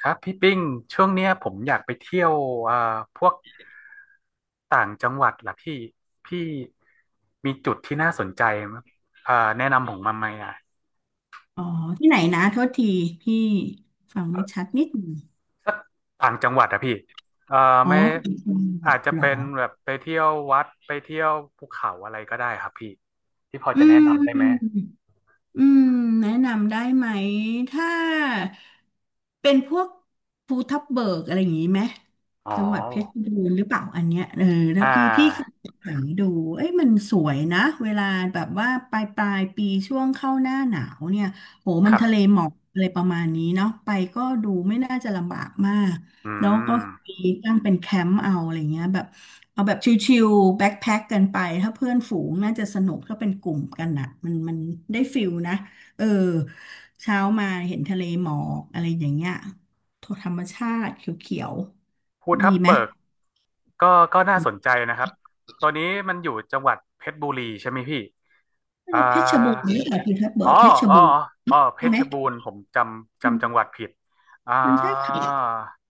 ครับพี่ปิ้งช่วงเนี้ยผมอยากไปเที่ยวอ่าพวกต่างจังหวัดล่ะพี่พี่มีจุดที่น่าสนใจมั้ยแนะนำผมมาไหมอ่ะอ๋อที่ไหนนะโทษทีพี่ฟังเอ่ไม่ชัอดนิดหนึ่งสักต่างจังหวัดอะพี่เอ่ออ๋อไม่ที่จังหวัอาดจจะเหรอเป็นแบบไปเที่ยววัดไปเที่ยวภูเขาอะไรก็ได้ครับพี่ที่พออืจะแนะนำได้ไหมมอืมแนะนำได้ไหมถ้าเป็นพวกภูทับเบิกอะไรอย่างนี้ไหมอ๋อจังหวัดเพชรบูรณ์หรือเปล่าอันเนี้ยเออแล้วอ่พี่เคยาไปดูเอ้ยมันสวยนะเวลาแบบว่าปลายปีช่วงเข้าหน้าหนาวเนี่ยโหคมันรัทะเลบหมอกอะไรประมาณนี้เนาะไปก็ดูไม่น่าจะลำบากมาก อืแล้วก็มมีตั้งเป็นแคมป์เอาอะไรเงี้ยแบบเอาแบบชิวๆแบ็คแพ็คกันไปถ้าเพื่อนฝูงน่าจะสนุกถ้าเป็นกลุ่มกันอ่ะมันได้ฟิลนะเออเช้ามาเห็นทะเลหมอกอะไรอย่างเงี้ยธรรมชาติเขียวภูๆดีทับไหมเบิกก็ก็น่าสนใจนะครับตอนนี้มันอยู่จังหวัดเพชรบุรีใช่ไหมพี่ หอ่ารือเพชรบูรณ์หรือเปล่าพี่ทับเบิอ๋อกเพชรอ๋อบูรอ๋อณ์อ๋อ เพใช่ไหชมรบูรณ์ผมจำมันจำจังหวัดผิดอ่ามันใช่เขา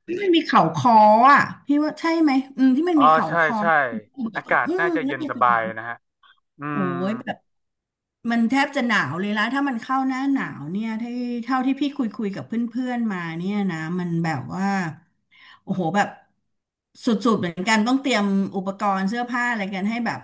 ที่มันมีเขาคออ่ะพี่ว่าใช่ไหมอืมที่มันอ๋อมีเขาใช่คอใช่อืมอากาศแล้วน่าจะมัเย็นนสเป็บายน นะฮะอืโอ้มยแบบมันแทบจะหนาวเลยละถ้ามันเข้าหน้าหนาวเนี่ยที่เท่าที่พี่คุยกับเพื่อนๆมาเนี่ยนะมันแบบว่าโอ้โหแบบสุดๆเหมือนกันต้องเตรียมอุปกรณ์เสื้อผ้าอะไรกันให้แบบ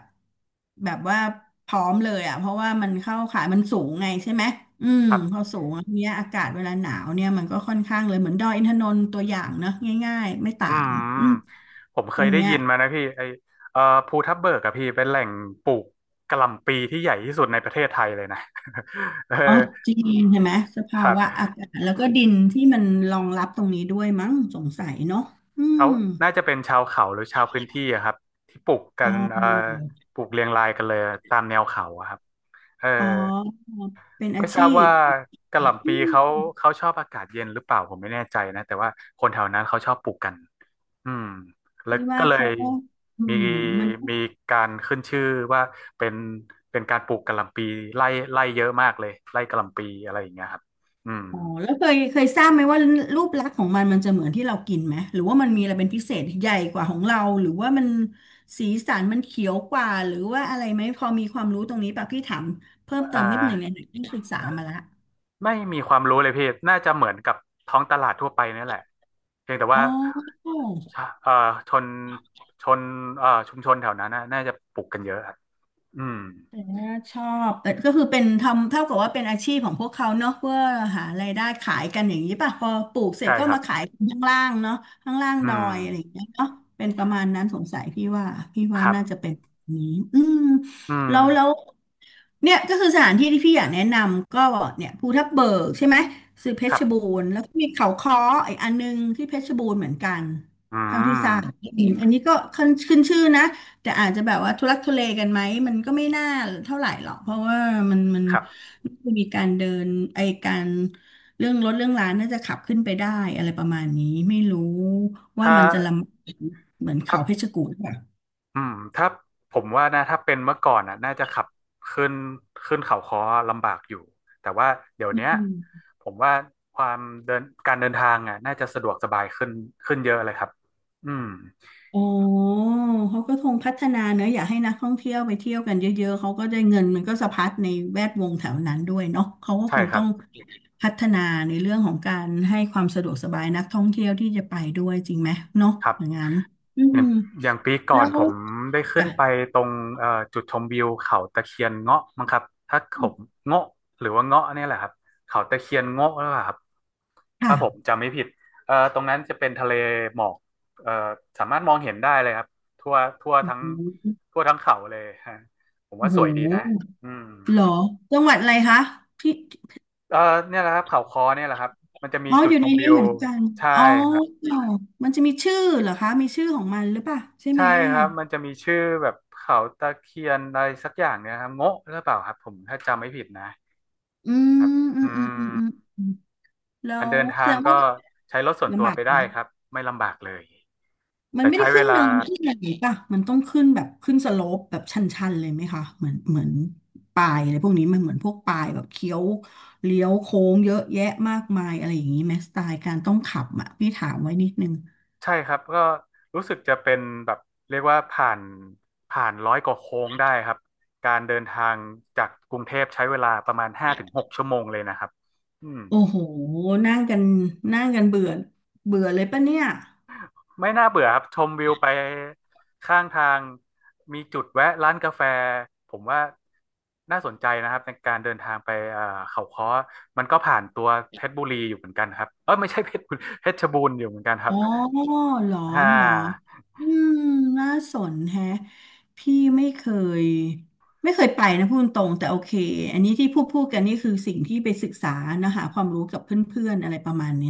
แบบว่าพร้อมเลยอ่ะเพราะว่ามันเข้าขายมันสูงไงใช่ไหมอืมครับพอสูงอันเนี้ยอากาศเวลาหนาวเนี่ยมันก็ค่อนข้างเลยเหมือนดอยอินทนนท์ตัวอย่างเนอะง่ายๆไม่ต่าอืงอืมมผมเคอัยนได้เนี้ย ยินมานะพี่ไอเอ่อภูทับเบิกอะพี่เป็นแหล่งปลูกกะหล่ำปีที่ใหญ่ที่สุดในประเทศไทยเลยนะ เอออ๋อจริงใช่ไหมสภาครับวะอากาศแล้วก็ดินที่มันรองรับตรงนี้ด้วยมั้งสงสัยเนาะอืเขามน่าจะเป็นชาวเขาหรือชาวพื้นที่อะครับ ที่ปลูกกัอ๋อนปลูกเรียงรายกันเลยตามแนวเขาอะครับเออ อ๋อเป็นอาไม่ทชีราบพว่ากะหล่ำอืปีเขามเขาชอบอากาศเย็นหรือเปล่าผมไม่แน่ใจนะแต่ว่าคนแถวนั้นเขาชอบปลูกกันอืมแล้วพี่ว่าก็เลเขายก็อืมีมมันก็มีการขึ้นชื่อว่าเป็นเป็นการปลูกกะหล่ำปีไล่ไล่เยอะมากเลยไล่กะหล่ำปีอะไรอย่างเงี้ยครับอืมอ๋อแล้วเคยทราบไหมว่ารูปลักษณ์ของมันมันจะเหมือนที่เรากินไหมหรือว่ามันมีอะไรเป็นพิเศษใหญ่กว่าของเราหรือว่ามันสีสันมันเขียวกว่าหรือว่าอะไรไหมพอมีความรู้ตรงนี้ป่ะพี่ถามเพิ่มเติอ่มนิดหนึ่งในาหนังที่ยศึกษามาละไม่มีความรู้เลยพี่น่าจะเหมือนกับท้องตลาดทั่วไปนี่แหละเพียงแต่อ๋ว่าอ ชะเอ่อชนชนเอ่อชุมชนแถวนั้นน่ะน่าจะปลูกกันเยอะครับอืมแต่ว่าชอบเออก็คือเป็นทำเท่ากับว่าเป็นอาชีพของพวกเขาเนอะเพื่อหารายได้ขายกันอย่างนี้ป่ะพอปลูกเสร็จใช่ก็ครับ มาขายข้างล่างเนาะข้างล่างอืดอมยอะไรอย่างเงี้ยเนาะเป็นประมาณนั้นสงสัยพี่ว่าพี่คว่ารัน่าจะบเป็นแบบนี้อืมอืมแล้วเนี่ยก็คือสถานที่ที่พี่อยากแนะนำก็เนี่ยภูทับเบิกใช่ไหมคือเพครัชรบูบรณ์แล้วก็มีเขาค้ออีกอันนึงที่เพชรบูรณ์เหมือนกันอืเท่าที่ทราบมอืมอันนี้ก็ขึ้นชื่อนะ แต่อาจจะแบบว่าทุลักทุเลกันไหมมันก็ไม่น่าเท่าไหร่หรอกเพราะว่ามันครับน่าจะมีการเดินไอการเรื่องรถเรื่องร้านน่าจะขับขึ้นไปได้อะไรประมาณนี้ไม่รู้ว่าถ้ามันจะลำเหมือนถ้าเขาเพชรกูฏป่ะอืมถ้าผมว่านะถ้าเป็นเมื่อก่อนอ่ะน่าจะขับขึ้นขึ้นเขาค้อลำบากอยู่ แต่ว่าเดี๋ยวอืเนี้ยม ผมว่าความเดินการเดินทางอ่ะน่าจะสะดวกสบายขึ้นขึ้นเยอะเลยครับอืมอ๋อเขาก็คงพัฒนาเนอะอยากให้นักท่องเที่ยวไปเที่ยวกันเยอะๆเขาก็ได้เงินมันก็สะพัดในแวดวงแถวนั้นด้วยเนาะเขาก็ใช่คงครัต้อบงพัฒนาในเรื่องของการให้ความสะดวกสบายนักท่องเที่ยวที่จะไปด้วยจริงไหมเนาะครับ อย่างนั้นอือย่ามงอย่างปีก่อแล้นวผมได้ขึ้อ่ะนไปตรงจุดชมวิวเขาตะเคียนเงาะมั้งครับถ้าผมเงาะหรือว่าเงาะเนี่ยแหละครับเขาตะเคียนเงาะหล่าครับถ้าผมค่ะจำไม่ผิดตรงนั้นจะเป็นทะเลหมอกเอ่อสามารถมองเห็นได้เลยครับทั่วทั่วทั้งทั่วทั้งเขาเลย ฮะผมโอ้ว่าโหสวยดีนะอืมเหรอจังหวัดอะไรคะที่เอ่อเนี่ยแหละครับเขาคอเนี่ยแหละครับมันจะมีอ๋อจุดอยู่ชในมวินี้วเหมือนกันใช่อ๋อครับ มันจะมีชื่อเหรอคะมีชื่อของมันหรือเปล่าใช่ไหมใช่คอ่ะ รับ มันจะมีชื่อแบบเขาตะเคียนอะไรสักอย่างเนี่ยครับโงะหรือเปล่าครับผมถ้าจำไม่ผิดนะอืมครับอืมอือืมอืมอืมมอืมแล้การวเดินแสทาดงงว่าก็ใช้รถส่วนตัลำวบากไปไหมได้ครับไม่ลำบากเลยมันแต่ไม่ได้ใช้เวขึ้นเนิลานขึ้นอะไรน่ป่ะมันต้องขึ้นแบบขึ้นสโลปแบบชันๆเลยไหมคะเหมือนปลายอะไรพวกนี้มันเหมือนพวกปลายแบบเคี้ยวเลี้ยวโค้งเยอะแยะมากมายอะไรอย่างนี้ไหมสไตล์การต้องขับอ่ะพี่ถามไว้นิดนึงใช่ครับก็รู้สึกจะเป็นแบบเรียกว่าผ่าน100 กว่าโค้งได้ครับการเดินทางจากกรุงเทพใช้เวลาประมาณ5 ถึง 6 ชั่วโมงเลยนะครับอืม โอ้โหนั่งกันนั่งกันเบื่อเบื่อเลยป่ะเนี่ย ไม่น่าเบื่อครับชมวิวไปข้างทางมีจุดแวะร้านกาแฟผมว่าน่าสนใจนะครับในการเดินทางไปเขาค้อมันก็ผ่านตัวเพชรบุรีอยู่เหมือนกันครับเออไม่ใช่เพชรบุรีเพชรบูรณ์อยู่เหมือนกันครัอ๋บอเหรออ่เหรอาอืมน่าสนแฮะพี่ไม่เคยไม่เคยไปนะพูดตรงๆแต่โอเค อันนี้ที่พูดกันนี่คือสิ่งที่ไปศึกษานะหาความรู้กับเพื่อนๆอะไรประมาณนี้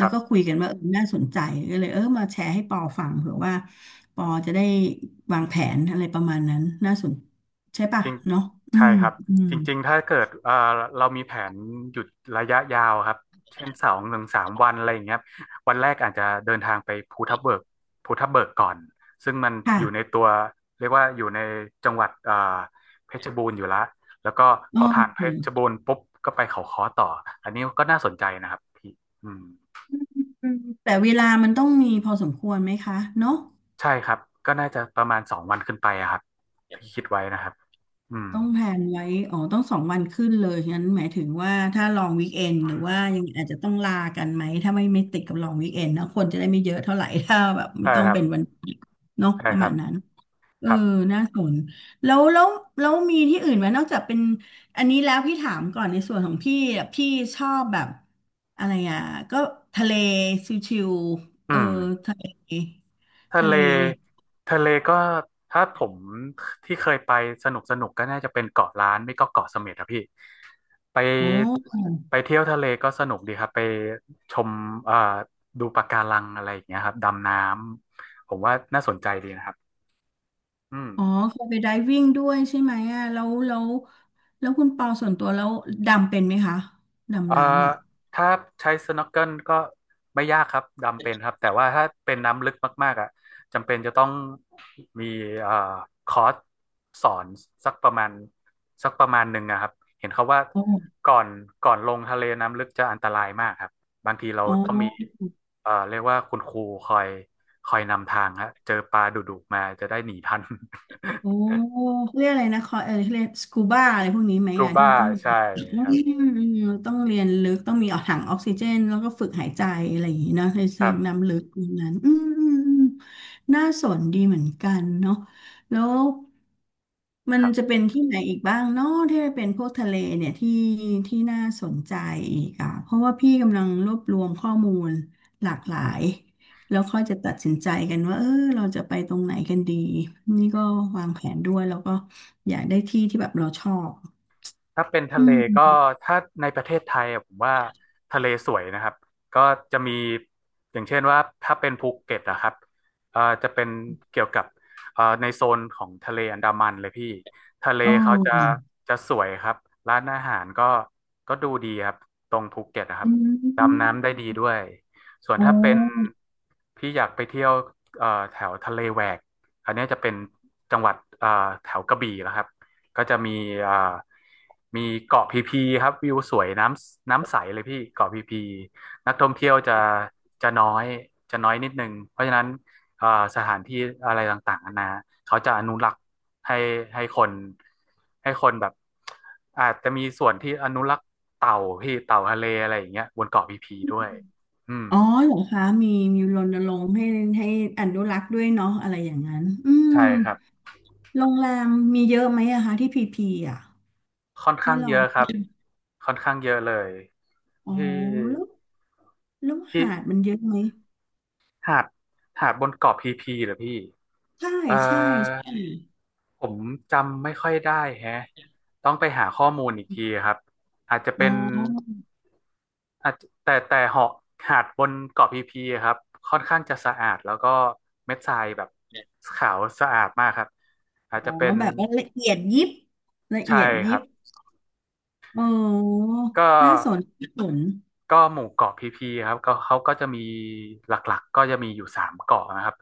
ค้วรัก็บ คุยกันว่าเออน่าสนใจก็เลยเออมาแชร์ให้ปอฟังเผื่อว่าปอจะได้วางแผนอะไรประมาณนั้นน่าสนใช่ป่ะจริงเนาะอืใช่มครับอืมจริงๆถ้าเกิดเรามีแผนหยุดระยะยาวครับเช่น2 ถึง 3 วันอะไรอย่างเงี้ยครับวันแรกอาจจะเดินทางไปภูทับเบิกก่อนซึ่งมันอยู่ในค่ะตัวเรียกว่าอยู่ในจังหวัดเพชรบูรณ์อยู่ละแล้วก็โอพอผ่านเพชรเคบูรณ์ปุ๊บก็ไปเขาค้อต่ออันนี้ก็น่าสนใจนะครับพี่อืมอืมแต่เวลามันต้องมีพอสมควรไหมคะเนาะ ใช่ครับก็น่าจะประมาณ2 วันขึ้นไปอะครับที่คิดไว้นะครับอืมต้องแพลนไว้อ๋อต้อง2 วันขึ้นเลยงั้นหมายถึงว่าถ้าลองวีคเอนหรือว่ายังอาจจะต้องลากันไหม ถ้าไม่ติดกับลองวีคเอนนะคนจะได้ไม่เยอะเท่าไหร่ ถ้าแบบไม่ใช่ต้องครับเป็นวันเนาะใช่ประครัมาบณนั้นเอคอรับน่าสนแล้วแล้วแล้วมีที่อื่นไหมนอกจากเป็นอันนี้แล้วพี่ถามก่อนในส่วนของพี่อะพี่ชอบแบบอะไรอ่ะก็ทะเลชิวๆอืเออม ทะเลทะทะเลเลทะเลก็ถ้าผมที่เคยไปสนุกสนุกก็น่าจะเป็นเกาะล้านไม่ก็เกาะเสม็ดอะพี่ไปโอ้ ไปเที่ยวทะเลก็สนุกดีครับไปชมเอ่อดูปะการังอะไรอย่างเงี้ยครับดำน้ำผมว่าน่าสนใจดีนะครับอืม อ๋อเคยไปไดวิ่งด้วยใช่ไหมอ่ะแล้วคุณปอส่วนตัวแล้วดำเป็นไหมคะเอ่อดำน้ำอ่ะถ้าใช้ snorkel ก็ไม่ยากครับดำเป็นครับแต่ว่าถ้าเป็นน้ำลึกมากๆอ่ะจำเป็นจะต้องมีเอ่อคอร์สสอนสักประมาณสักประมาณหนึ่งนะครับเห็นเขาว่าอ๋อก่อนก่อนลงทะเลน้ำลึกจะอันตรายมากครับบางทีเราอ๋ต้องมีอ เรียกว่าคุณครูคอยคอยนำทางฮะเจอปลาดุๆมาจะได้หนีทัน โอ้ เขาเรียกอะไรนะคอเออเขาเรียกสกูบาอะไรพวกนี้ไหมกูอ่ะที่บ้าจะต้องมีใช่อครับืมต้องเรียนลึกต้องมีออกถังออกซิเจนแล้วก็ฝึกหายใจอะไรอย่างนี้เนาะในคเชิรังบน้ำลึกตรงนั้นอืมอืมอืมน่าสนดีเหมือนกันเนาะแล้วมัคนรัจะบ เป็นที่ไหนอีกบ้างเนาะที่เป็นพวกทะเลเนี่ยที่น่าสนใจอีกอ่ะเพราะว่าพี่กำลังรวบรวมข้อมูลหลากหลาย แล้วค่อยจะตัดสินใจกันว่าเออเราจะไปตรงไหนกันดีนี่ก็วางแผนด้วยแล้วก็อยากได้ที่ที่แบบเราชอบถ้าเป็นทะอืเลก็มถ้าในประเทศไทยอะผมว่าทะเลสวยนะครับก็จะมีอย่างเช่นว่าถ้าเป็นภูเก็ตนะครับจะเป็นเกี่ยวกับในโซนของทะเลอันดามันเลยพี่ทะเลโอเขาจะ้สวยครับร้านอาหารก็ดูดีครับตรงภูเก็ตนะครัอืบดำมน้ำได้ดีด้วยส่วนโอ้ถ้าเป็นพี่อยากไปเที่ยวแถวทะเลแหวกอันเนี้ยจะเป็นจังหวัดแถวกระบี่แล้วครับ ก็จะมีอ่ามีเกาะพีพีครับวิวสวยน้ำใสเลยพี่เกาะพีพีนักท่องเที่ยวจะจะน้อยจะน้อยนิดนึงเพราะฉะนั้นอ่าสถานที่อะไรต่างๆนานาเขาจะอนุรักษ์ให้ให้คนให้คนแบบอาจจะมีส่วนที่อนุรักษ์เต่าพี่เต่าทะเลอะไรอย่างเงี้ยบนเกาะพีพีด้วยอืมอ๋อเหรอคะมีมีรณรงค์ให้ให้อนุรักษ์ด้วยเนาะอะไรอย่างนั้นอืมใช่ครับโรงแรมมีเยอะไหมอะคะที่พีพีอะค่อนให้ข้างเยเราอะครับค่อนข้างเยอะเลยอ๋อที่แล้วแล้วที่หาดมันเยอะไหมหาดบนเกาะพีพีเหรอพี่ ใช่เอ่อใช่ใช่ผมจำไม่ค่อยได้แฮะต้องไปหาข้อมูลอีกทีครับอาจจะอ๋เป็นออาจแต่เหาะหาดบนเกาะพีพีครับค่อนข้างจะสะอาดแล้วก็เม็ดทรายแบบขาวสะอาดมากครับอาจอ๋อจะเป็นแบบว่าละเอียดยิบละใช่เอียดคยิรับ บโอ้ก็ น่าสนน่าสนหมู่เกาะพีพีครับก็เขาก็จะมีหลักๆก็จะมีอยู่สามเกาะนะครับ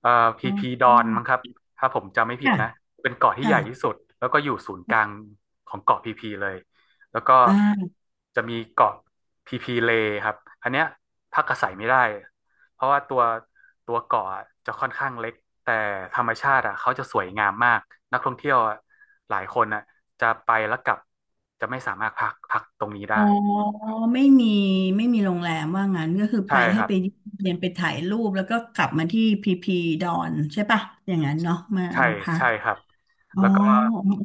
เอ่อพีอ๋พีดออนมั้งครับถ้าผมจำไม่ผิดค่ะนะเป็นเกาะที่ใหค่ะญ่ที่สุดแล้วก็อยู่ศูนย์กลางของเกาะพีพีเลยแล้วก็อ่าจะมีเกาะพีพีเลครับอันเนี้ยพักอาศัยไม่ได้เพราะว่าตัวเกาะจะค่อนข้างเล็กแต่ธรรมชาติอ่ะเขาจะสวยงามมากนักท่องเที่ยวอะหลายคนอ่ะจะไปแล้วกลับจะไม่สามารถพักตรงนี้อ๋อได้ไม่มี ไม่มีโรงแรมว่างั้นก็คือไปใช่คให้รับ ไปเรียนไปถ่ายรูปแล้วก็กลับมาที่พีพีดอนใช่ปะอย่างนั้นเนาะมาใช่มาพักใช่ครับอ๋อแล้วก็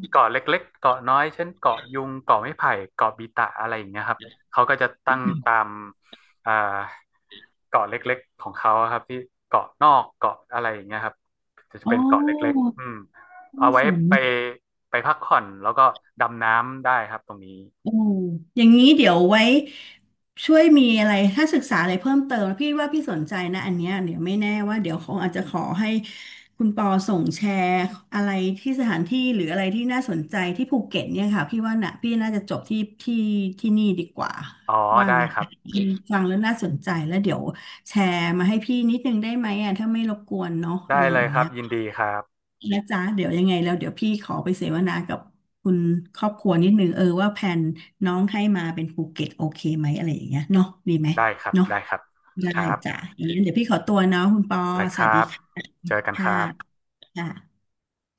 เกาะเล็กๆเกาะน้อยเช่นเกาะยุงเกาะไม้ไผ่เกาะบีตะอะไรอย่างเงี้ยครับเขาก็จะตั้งตามอ่าเกาะเล็กๆของเขาอะครับที่เกาะนอกเกาะอะไรอย่างเงี้ยครับจะอ๋อเป็นเกาะเล็กๆอืมเอาน่าไว้สน ไปพักผ่อนแล้วก็ดำน้ำได้ครับตรงนี้อืมอย่างนี้เดี๋ยวไว้ช่วยมีอะไรถ้าศึกษาอะไรเพิ่มเติมนะพี่ว่าพี่สนใจนะอันเนี้ยเดี๋ยวไม่แน่ว่าเดี๋ยวคงอาจจะขอให้คุณปอส่งแชร์อะไรที่สถานที่หรืออะไรที่น่าสนใจที่ภูเก็ตเนี่ยค่ะพี่ว่าน่ะพี่น่าจะจบที่นี่ดีกว่าอ๋อว่างได้น ครั บอืมฟังแล้วน่าสนใจแล้วเดี๋ยวแชร์มาให้พี่นิดนึงได้ไหมอ่ะถ้าไม่รบกวนเนาะอะได้ไรเลอยย่างครัเงี้บย ยินดีครับนะจ๊ะเดี๋ยวยังไงแล้วเดี๋ยวพี่ขอไปเสวนากับคุณครอบครัวนิดนึงเออว่าแผนน้องให้มาเป็นภูเก็ตโอเคไหมอะไรอย่างเงี้ยเนาะดีไหมได้ครับเนาะได้ครับได้ครัจ้ะบอย่างนั้นเดี๋ยวพี่ขอตัวเนาะคุณปอได้คสวัรัสดีบค่ะเจอกันคครับ่ะ